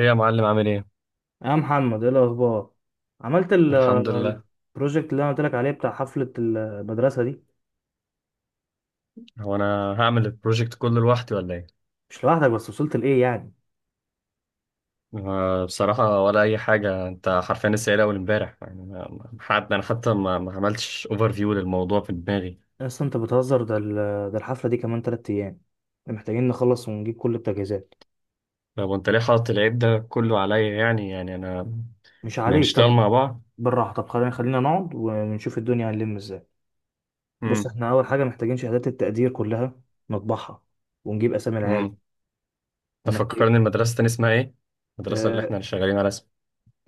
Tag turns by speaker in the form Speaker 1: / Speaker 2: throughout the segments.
Speaker 1: ايه يا معلم عامل ايه؟
Speaker 2: يا محمد ايه الاخبار؟ عملت ال-
Speaker 1: الحمد لله.
Speaker 2: البروجكت اللي انا قلت لك عليه بتاع حفله المدرسه دي.
Speaker 1: هو انا هعمل البروجكت كله لوحدي ولا ايه؟
Speaker 2: مش لوحدك، بس وصلت لايه يعني؟
Speaker 1: آه، بصراحة ولا أي حاجة، أنت حرفيا لسه قايل أول إمبارح، يعني أنا حتى ما عملتش أوفر فيو للموضوع في دماغي.
Speaker 2: اصلا انت بتهزر. ده الحفله دي كمان 3 ايام. احنا محتاجين نخلص ونجيب كل التجهيزات.
Speaker 1: طب وأنت ليه حاطط العيب ده كله عليا، يعني أنا
Speaker 2: مش
Speaker 1: ما
Speaker 2: عليك
Speaker 1: نشتغل
Speaker 2: طب،
Speaker 1: مع بعض؟
Speaker 2: بالراحه. طب خلينا خلينا نقعد ونشوف الدنيا هنلم ازاي. بص،
Speaker 1: امم.
Speaker 2: احنا اول حاجه محتاجين شهادات التقدير كلها، نطبعها ونجيب اسامي العيال.
Speaker 1: امم.
Speaker 2: ومحتاج
Speaker 1: تفكرني المدرسة تاني اسمها ايه؟ المدرسة اللي
Speaker 2: آه،
Speaker 1: احنا شغالين على اسمها.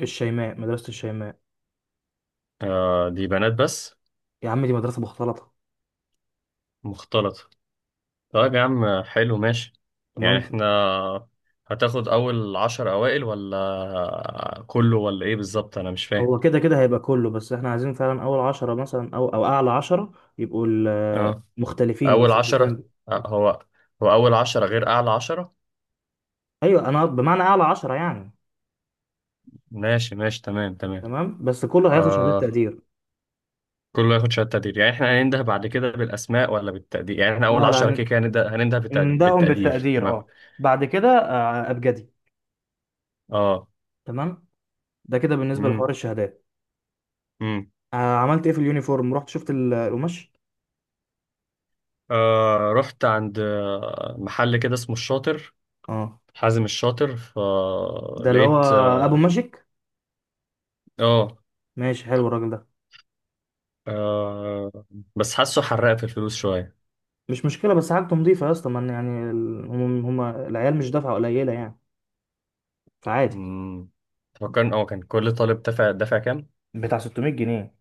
Speaker 2: الشيماء، مدرسه الشيماء.
Speaker 1: آه دي بنات بس.
Speaker 2: يا عم دي مدرسه مختلطه.
Speaker 1: مختلطة. طيب يا عم، حلو ماشي. يعني
Speaker 2: تمام.
Speaker 1: احنا هتاخد اول عشر اوائل ولا كله ولا ايه بالظبط؟ انا مش فاهم.
Speaker 2: هو كده كده هيبقى كله، بس احنا عايزين فعلا اول عشرة مثلا او اعلى عشرة يبقوا
Speaker 1: اه.
Speaker 2: مختلفين،
Speaker 1: اول
Speaker 2: بس الديزاين
Speaker 1: عشرة.
Speaker 2: ده.
Speaker 1: آه، هو هو اول عشرة غير اعلى عشرة؟
Speaker 2: ايوه انا بمعنى اعلى عشرة يعني.
Speaker 1: ماشي ماشي، تمام تمام.
Speaker 2: تمام، بس كله هياخد شهادات
Speaker 1: آه.
Speaker 2: تقدير.
Speaker 1: كله ياخد شهادة تقدير، يعني احنا هننده بعد كده بالاسماء ولا بالتقدير؟ يعني احنا اول
Speaker 2: لا لا
Speaker 1: عشرة
Speaker 2: ن-
Speaker 1: كده كده هننده بالت-
Speaker 2: نندههم
Speaker 1: بالتقدير
Speaker 2: بالتقدير،
Speaker 1: ما.
Speaker 2: اه. بعد كده ابجدي.
Speaker 1: اه.
Speaker 2: تمام. ده كده بالنسبة لحوار
Speaker 1: امم.
Speaker 2: الشهادات.
Speaker 1: امم.
Speaker 2: عملت ايه في اليونيفورم؟ رحت شفت القماش؟
Speaker 1: آه رحت عند آه، محل كده اسمه الشاطر،
Speaker 2: اه،
Speaker 1: حازم الشاطر،
Speaker 2: ده اللي هو
Speaker 1: فلقيت.
Speaker 2: ابو ماجيك.
Speaker 1: اه.
Speaker 2: ماشي، حلو الراجل ده.
Speaker 1: آه، بس حاسه حرق في الفلوس شوية.
Speaker 2: مش مشكلة، بس حاجته نظيفة يا اسطى. ما يعني هم العيال مش دافعة قليلة يعني، فعادي.
Speaker 1: مم. فكان اه، كان كل طالب دفع كام؟
Speaker 2: بتاع 600 جنيه.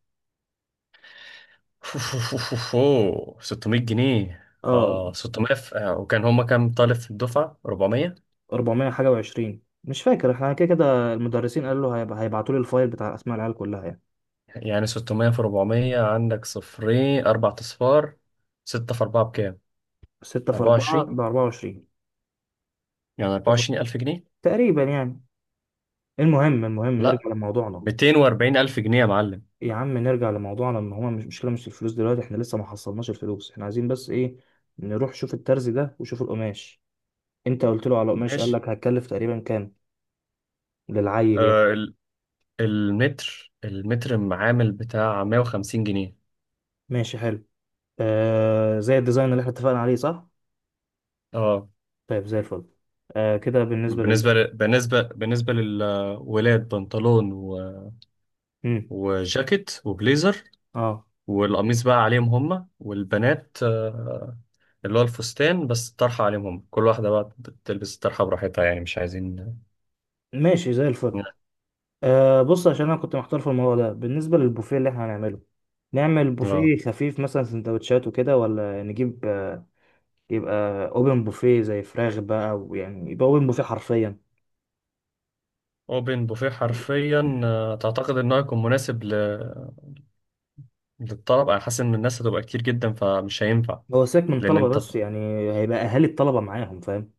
Speaker 1: أوه، 600 جنيه.
Speaker 2: اه،
Speaker 1: اه 600 في... آه، وكان هما كام طالب في الدفعة؟ 400.
Speaker 2: 400 حاجه و20، مش فاكر. احنا كده كده المدرسين قالوا له هيبقى هيبعتوا لي الفايل بتاع اسماء العيال كلها يعني.
Speaker 1: يعني 600 في 400، عندك صفرين، أربع أصفار. ستة في أربعة بكام؟
Speaker 2: 6 في 4 ب
Speaker 1: 24.
Speaker 2: 24،
Speaker 1: يعني 24000 ألف جنيه؟
Speaker 2: تقريبا يعني. المهم المهم
Speaker 1: لا،
Speaker 2: نرجع لموضوعنا.
Speaker 1: 240 ألف جنيه يا معلم.
Speaker 2: يا عم نرجع لموضوعنا. ان هما مش مشكله، مش الفلوس دلوقتي. احنا لسه ما حصلناش الفلوس. احنا عايزين بس ايه، نروح شوف الترز ده وشوف القماش. انت قلت له على القماش، قال
Speaker 1: ماشي.
Speaker 2: لك هتكلف تقريبا كام للعيل يعني؟
Speaker 1: آه المتر معامل بتاع 150 جنيه.
Speaker 2: ماشي، حلو. آه زي الديزاين اللي احنا اتفقنا عليه، صح؟
Speaker 1: اه.
Speaker 2: طيب زي الفل. آه كده بالنسبه.
Speaker 1: بالنسبة ل... بالنسبة بالنسبة للولاد بنطلون و...
Speaker 2: امم،
Speaker 1: وجاكيت وبليزر،
Speaker 2: اه
Speaker 1: والقميص بقى عليهم هما. والبنات آه، اللي هو الفستان، بس الطرحة عليهم هما، كل واحدة بقى بتلبس الطرحة براحتها، يعني مش عايزين.
Speaker 2: ماشي زي الفل. بص، عشان انا كنت محتار في الموضوع ده بالنسبه للبوفيه اللي احنا هنعمله. نعمل
Speaker 1: لا،
Speaker 2: بوفيه خفيف مثلا، سندوتشات وكده، ولا نجيب يبقى اوبن بوفيه، زي فراخ بقى، ويعني يبقى اوبن بوفيه حرفيا.
Speaker 1: اوبن بوفيه حرفيا. آه، تعتقد انه هيكون مناسب ل... للطلب؟ انا حاسس ان الناس هتبقى كتير جدا فمش هينفع.
Speaker 2: هو سيبك من
Speaker 1: لان
Speaker 2: الطلبه
Speaker 1: انت،
Speaker 2: بس يعني. هيبقى اهالي الطلبه معاهم، فاهم؟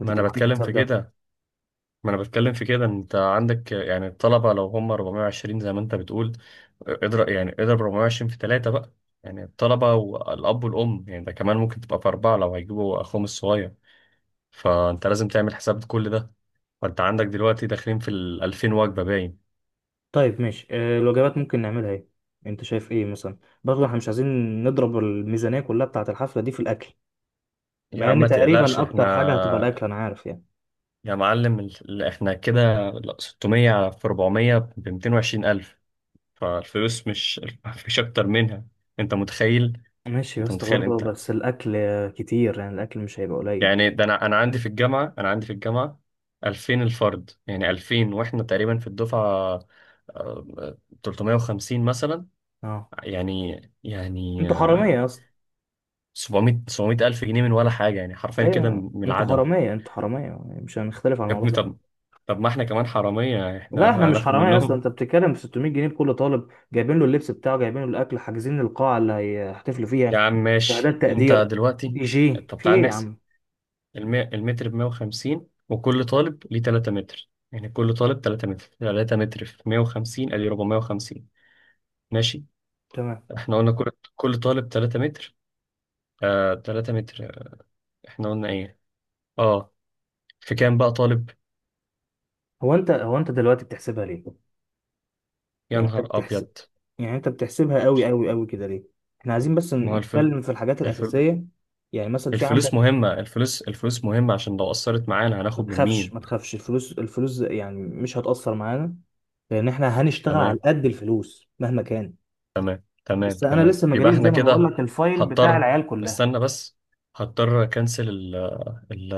Speaker 2: انت
Speaker 1: ما انا
Speaker 2: تبقى عامل
Speaker 1: بتكلم في
Speaker 2: حساب ده.
Speaker 1: كده، ما انا بتكلم في كده. انت عندك يعني الطلبه لو هم 420 زي ما انت بتقول، اضرب يعني اضرب 420 في ثلاثه بقى، يعني الطلبه والاب والام، يعني ده كمان ممكن تبقى في اربعه لو هيجيبوا اخوهم الصغير، فانت لازم تعمل حساب كل ده. فانت عندك دلوقتي داخلين في ال 2000 وجبه باين.
Speaker 2: طيب ماشي. آه الوجبات ممكن نعملها ايه؟ انت شايف ايه مثلا؟ برضه احنا مش عايزين نضرب الميزانيه كلها بتاعه الحفله دي في الاكل.
Speaker 1: يا
Speaker 2: مع
Speaker 1: عم
Speaker 2: ان
Speaker 1: ما تقلقش،
Speaker 2: تقريبا اكتر حاجه هتبقى
Speaker 1: احنا
Speaker 2: الاكل، انا عارف يعني.
Speaker 1: يا معلم ال- احنا كده 600 في 400 ب 220 الف، فالفلوس مش، مفيش اكتر منها. انت متخيل
Speaker 2: ماشي يا
Speaker 1: انت
Speaker 2: اسطى،
Speaker 1: متخيل
Speaker 2: برضه
Speaker 1: انت
Speaker 2: بس الاكل كتير يعني، الاكل مش هيبقى قليل.
Speaker 1: يعني ده انا عندي في الجامعه 2000 الفرد، يعني 2000 واحنا تقريبا في الدفعه آه، 350 مثلا.
Speaker 2: اه
Speaker 1: يعني
Speaker 2: انتوا حراميه
Speaker 1: آه،
Speaker 2: يا اسطى.
Speaker 1: 700 الف جنيه من ولا حاجه، يعني حرفيا كده
Speaker 2: ايوه
Speaker 1: من
Speaker 2: انتوا
Speaker 1: العدم.
Speaker 2: حراميه انتوا حراميه يعني، مش هنختلف على
Speaker 1: يا
Speaker 2: الموضوع
Speaker 1: ابني
Speaker 2: ده.
Speaker 1: طب، طب ما احنا كمان حراميه،
Speaker 2: لا احنا
Speaker 1: احنا
Speaker 2: مش
Speaker 1: هناخد
Speaker 2: حراميه اصلا.
Speaker 1: منهم.
Speaker 2: انت بتتكلم في 600 جنيه لكل طالب، جايبين له اللبس بتاعه، جايبين له الاكل، حاجزين القاعه اللي هيحتفلوا
Speaker 1: يا
Speaker 2: فيها،
Speaker 1: عم ماشي،
Speaker 2: شهادات
Speaker 1: انت
Speaker 2: تقدير،
Speaker 1: دلوقتي
Speaker 2: دي جي،
Speaker 1: طب
Speaker 2: في
Speaker 1: تعال
Speaker 2: ايه يا
Speaker 1: نحسب.
Speaker 2: عم؟
Speaker 1: الم- المتر ب 150 وكل طالب ليه 3 متر، يعني كل طالب 3 متر، 3 متر في 150 ادي 450. ماشي.
Speaker 2: تمام.
Speaker 1: احنا قلنا كل طالب 3 متر. آه 3 متر. احنا قلنا ايه؟ اه. في كام بقى طالب؟
Speaker 2: هو انت دلوقتي بتحسبها ليه؟
Speaker 1: يا
Speaker 2: يعني انت
Speaker 1: نهار
Speaker 2: بتحسب،
Speaker 1: ابيض.
Speaker 2: يعني انت بتحسبها قوي قوي قوي كده ليه؟ احنا عايزين بس
Speaker 1: ما هو الفل...
Speaker 2: نتكلم في الحاجات
Speaker 1: الفل...
Speaker 2: الاساسيه. يعني مثلا في
Speaker 1: الفلوس
Speaker 2: عندك.
Speaker 1: مهمة، الفلوس الفلوس مهمة عشان لو أثرت معانا
Speaker 2: ما
Speaker 1: هناخد من
Speaker 2: تخافش
Speaker 1: مين؟
Speaker 2: ما تخافش الفلوس، الفلوس يعني مش هتأثر معانا، لأن احنا هنشتغل على
Speaker 1: تمام.
Speaker 2: قد الفلوس مهما كان.
Speaker 1: تمام تمام
Speaker 2: بس أنا
Speaker 1: تمام.
Speaker 2: لسه ما
Speaker 1: يبقى
Speaker 2: جاليش
Speaker 1: احنا
Speaker 2: زي ما بقول
Speaker 1: كده
Speaker 2: لك الفايل بتاع
Speaker 1: هضطر،
Speaker 2: العيال كلها.
Speaker 1: استنى بس، هضطر اكنسل ال... ال...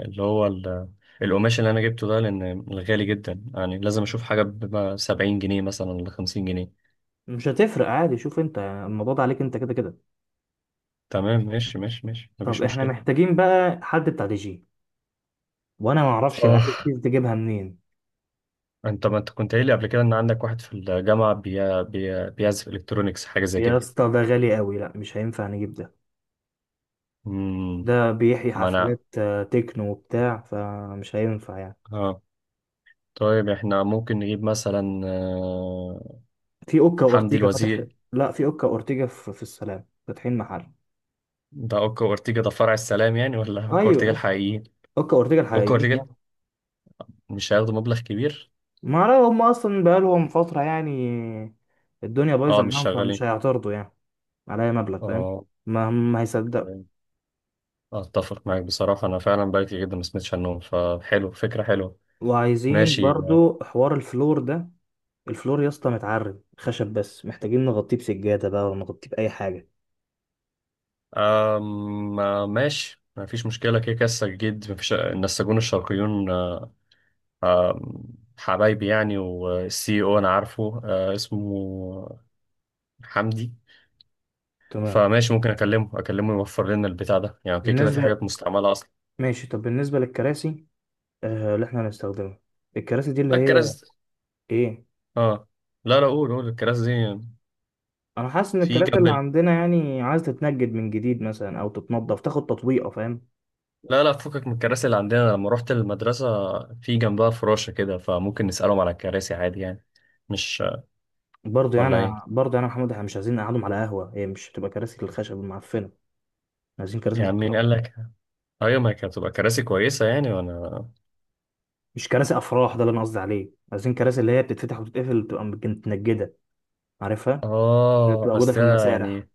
Speaker 1: اللي هو ال... القماش اللي انا جبته ده، لان غالي جدا، يعني لازم اشوف حاجة ب 70 جنيه مثلا ولا 50 جنيه.
Speaker 2: مش هتفرق عادي. شوف أنت يعني الموضوع ده عليك أنت كده كده.
Speaker 1: تمام ماشي ماشي ماشي،
Speaker 2: طب
Speaker 1: مفيش
Speaker 2: احنا
Speaker 1: مشكلة.
Speaker 2: محتاجين بقى حد بتاع دي جي، وأنا ما أعرفش
Speaker 1: اه،
Speaker 2: العيال دي تجيبها منين.
Speaker 1: ما انت كنت قايل لي قبل كده ان عندك واحد في الجامعه بيعزف الكترونيكس، حاجه زي
Speaker 2: يا
Speaker 1: كده.
Speaker 2: اسطى ده غالي قوي، لا مش هينفع نجيب ده.
Speaker 1: امم.
Speaker 2: ده بيحيي
Speaker 1: ما انا.
Speaker 2: حفلات تكنو وبتاع، فمش هينفع يعني.
Speaker 1: اه. طيب احنا ممكن نجيب مثلا آه،
Speaker 2: في أوكا
Speaker 1: حمدي
Speaker 2: أورتيجا فاتح.
Speaker 1: الوزير.
Speaker 2: لا، في أوكا أورتيجا في السلام فاتحين محل.
Speaker 1: ده اوكا اورتيجا ده فرع السلام يعني ولا اوكا اورتيجا
Speaker 2: ايوه،
Speaker 1: الحقيقيين؟
Speaker 2: اوكا اورتيجا
Speaker 1: اوكا
Speaker 2: الحقيقيين
Speaker 1: اورتيجا.
Speaker 2: يعني.
Speaker 1: مش هياخدوا مبلغ كبير.
Speaker 2: ما اعرف، هم اصلا بقالهم فتره يعني. الدنيا بايظه
Speaker 1: اه، مش
Speaker 2: معاهم، فمش
Speaker 1: شغالين.
Speaker 2: هيعترضوا يعني على اي مبلغ، فاهم؟
Speaker 1: اه.
Speaker 2: ما هم هيصدقوا.
Speaker 1: أوكي. اتفق معاك بصراحه، انا فعلا بقالي كتير جدا ما سمعتش عنهم، فحلو فكره حلوه.
Speaker 2: وعايزين
Speaker 1: ماشي.
Speaker 2: برضو حوار الفلور ده. الفلور يا اسطى متعرب خشب، بس محتاجين نغطيه بسجاده بقى ولا نغطيه باي حاجه.
Speaker 1: أم آه، ماشي ما فيش مشكلة، كده كده السجاد ما فيش، النساجون الشرقيون حبايبي يعني. والسي او انا عارفه آه، اسمه حمدي.
Speaker 2: تمام.
Speaker 1: فماشي، ممكن اكلمه يوفر لنا البتاع ده، يعني اوكي كده في
Speaker 2: بالنسبه،
Speaker 1: حاجات مستعمله اصلا.
Speaker 2: ماشي. طب بالنسبه للكراسي، آه اللي احنا هنستخدمها. الكراسي دي اللي
Speaker 1: لا
Speaker 2: هي
Speaker 1: الكراسي.
Speaker 2: ايه؟
Speaker 1: اه. لا لا، قول قول الكراسي دي.
Speaker 2: انا حاسس ان
Speaker 1: في
Speaker 2: الكراسي
Speaker 1: جنب
Speaker 2: اللي
Speaker 1: ال-.
Speaker 2: عندنا يعني عايز تتنجد من جديد مثلا، او تتنضف تاخد تطويقه، فاهم؟
Speaker 1: لا لا، فكك من الكراسي اللي عندنا، لما رحت المدرسه في جنبها فراشه كده، فممكن نسالهم على الكراسي عادي يعني، مش
Speaker 2: برضه
Speaker 1: ولا
Speaker 2: يعني
Speaker 1: ايه
Speaker 2: برضه يعني يا محمود، احنا مش عايزين نقعدهم على قهوه، هي مش هتبقى كراسي الخشب المعفنه. عايزين كراسي
Speaker 1: يعني؟
Speaker 2: محترمه.
Speaker 1: مين قال لك؟ ايوه ما هي كانت هتبقى كراسي كويسه يعني، وانا
Speaker 2: مش كراسي افراح، ده اللي انا قصدي عليه. عايزين كراسي اللي هي بتتفتح وتتقفل، بتبقى متنجده، عارفها؟ اللي
Speaker 1: اه،
Speaker 2: بتبقى موجوده
Speaker 1: بس
Speaker 2: في
Speaker 1: ده
Speaker 2: المسارح.
Speaker 1: يعني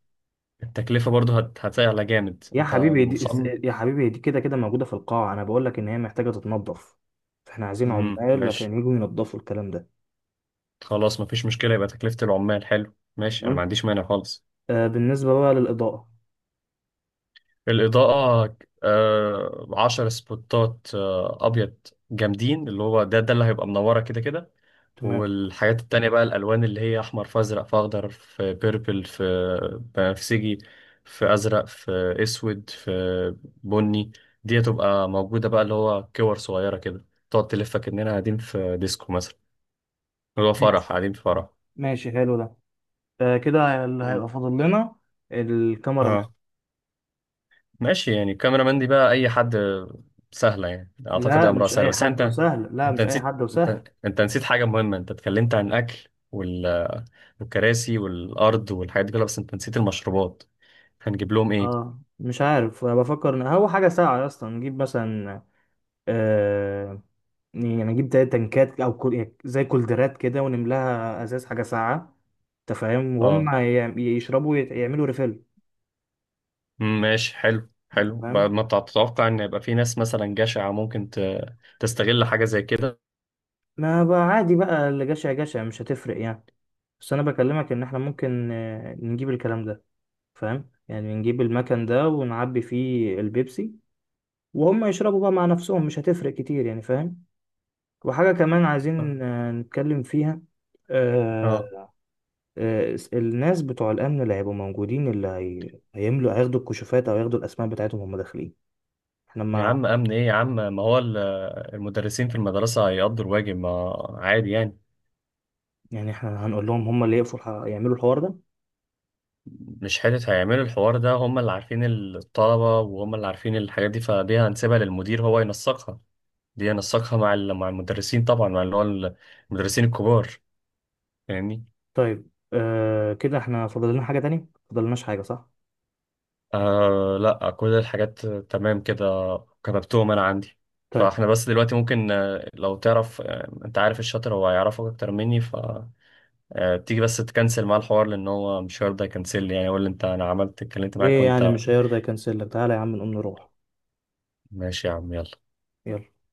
Speaker 1: التكلفة برضو هتعلى جامد.
Speaker 2: يا
Speaker 1: انت
Speaker 2: حبيبي دي
Speaker 1: مصمم؟
Speaker 2: يا حبيبي دي كده كده موجوده في القاعه، انا بقول لك ان هي محتاجه تتنظف. فاحنا عايزين عمال
Speaker 1: ماشي.
Speaker 2: عشان يجوا ينظفوا الكلام ده.
Speaker 1: خلاص مفيش مشكلة، يبقى تكلفة العمال، حلو ماشي، انا ما
Speaker 2: تمام.
Speaker 1: عنديش مانع خالص.
Speaker 2: آه بالنسبه بقى للاضاءه.
Speaker 1: الإضاءة. آه، عشر سبوتات آه، أبيض جامدين، اللي هو ده ده اللي هيبقى منورة كده كده.
Speaker 2: تمام.
Speaker 1: والحاجات التانية بقى الألوان، اللي هي أحمر في أزرق في أخضر في بيربل في بنفسجي في أزرق في أسود في بني، دي هتبقى موجودة بقى، اللي هو كور صغيرة كده تقعد تلفك إننا قاعدين في ديسكو مثلا، هو
Speaker 2: ماشي،
Speaker 1: فرح، قاعدين في فرح.
Speaker 2: ماشي حلو ده. آه كده اللي
Speaker 1: مم.
Speaker 2: هيبقى فاضل لنا الكاميرا.
Speaker 1: اه ماشي، يعني الكاميرا مان دي بقى اي حد، سهله يعني اعتقد
Speaker 2: لا
Speaker 1: ده
Speaker 2: ولا
Speaker 1: امرها
Speaker 2: مش
Speaker 1: سهله.
Speaker 2: اي
Speaker 1: بس
Speaker 2: حد
Speaker 1: انت
Speaker 2: وسهل، لا
Speaker 1: انت
Speaker 2: مش اي
Speaker 1: نسيت،
Speaker 2: حد وسهل.
Speaker 1: انت نسيت حاجه مهمه، انت اتكلمت عن الاكل وال... والكراسي والارض والحاجات دي كلها، بس انت نسيت المشروبات، هنجيب لهم ايه؟
Speaker 2: اه مش عارف، أنا بفكر ان هو حاجه ساعه اصلا. نجيب مثلا آه يعني نجيب 3 تنكات او كل... زي كولدرات كده، ونملاها ازاز حاجه ساعه. انت فاهم؟ وهم
Speaker 1: اه.
Speaker 2: يشربوا يعملوا ريفيل.
Speaker 1: مم، ماشي حلو
Speaker 2: انت
Speaker 1: حلو. بعد
Speaker 2: فاهم؟
Speaker 1: ما تتوقع ان يبقى في ناس مثلا جشعه ممكن تستغل حاجه زي كده.
Speaker 2: ما بقى عادي بقى، اللي جشع جشع، مش هتفرق يعني. بس انا بكلمك ان احنا ممكن نجيب الكلام ده، فاهم؟ يعني نجيب المكان ده ونعبي فيه البيبسي، وهم يشربوا بقى مع نفسهم، مش هتفرق كتير يعني، فاهم؟ وحاجة كمان عايزين نتكلم فيها. آه،
Speaker 1: اه.
Speaker 2: الناس بتوع الأمن اللي هيبقوا موجودين اللي هي... هيملوا، هياخدوا الكشوفات أو هياخدوا الأسماء بتاعتهم وهم داخلين. احنا
Speaker 1: يا
Speaker 2: ما،
Speaker 1: عم امن ايه يا عم؟ ما هو ال- المدرسين في المدرسه هيقضوا الواجب، ما عادي يعني.
Speaker 2: يعني احنا هنقول لهم هم اللي يقفوا يعملوا الحوار ده.
Speaker 1: مش حتة هيعملوا الحوار ده، هم اللي عارفين الطلبة وهم اللي عارفين الحاجات دي، فدي هنسيبها للمدير هو ينسقها، دي ينسقها مع ال- مع المدرسين طبعا، مع اللي هو المدرسين الكبار. فاهمني.
Speaker 2: طيب، آه كده احنا فاضل لنا حاجة تانية؟ فاضل لناش حاجة صح؟
Speaker 1: آه لا، كل الحاجات تمام كده، كتبتهم انا عندي.
Speaker 2: طيب.
Speaker 1: فاحنا بس دلوقتي ممكن آه، لو تعرف آه، انت عارف الشاطر هو هيعرفك اكتر مني، ف آه، تيجي بس تكنسل معاه الحوار، لان هو مش هيرضى يكنسل لي، يعني يقول لي انت انا عملت اتكلمت معاك
Speaker 2: ليه
Speaker 1: وانت.
Speaker 2: يعني مش هيرضى يكنسل لك؟ تعالى يا عم نقوم نروح.
Speaker 1: ماشي يا عم، يلا.
Speaker 2: يلا.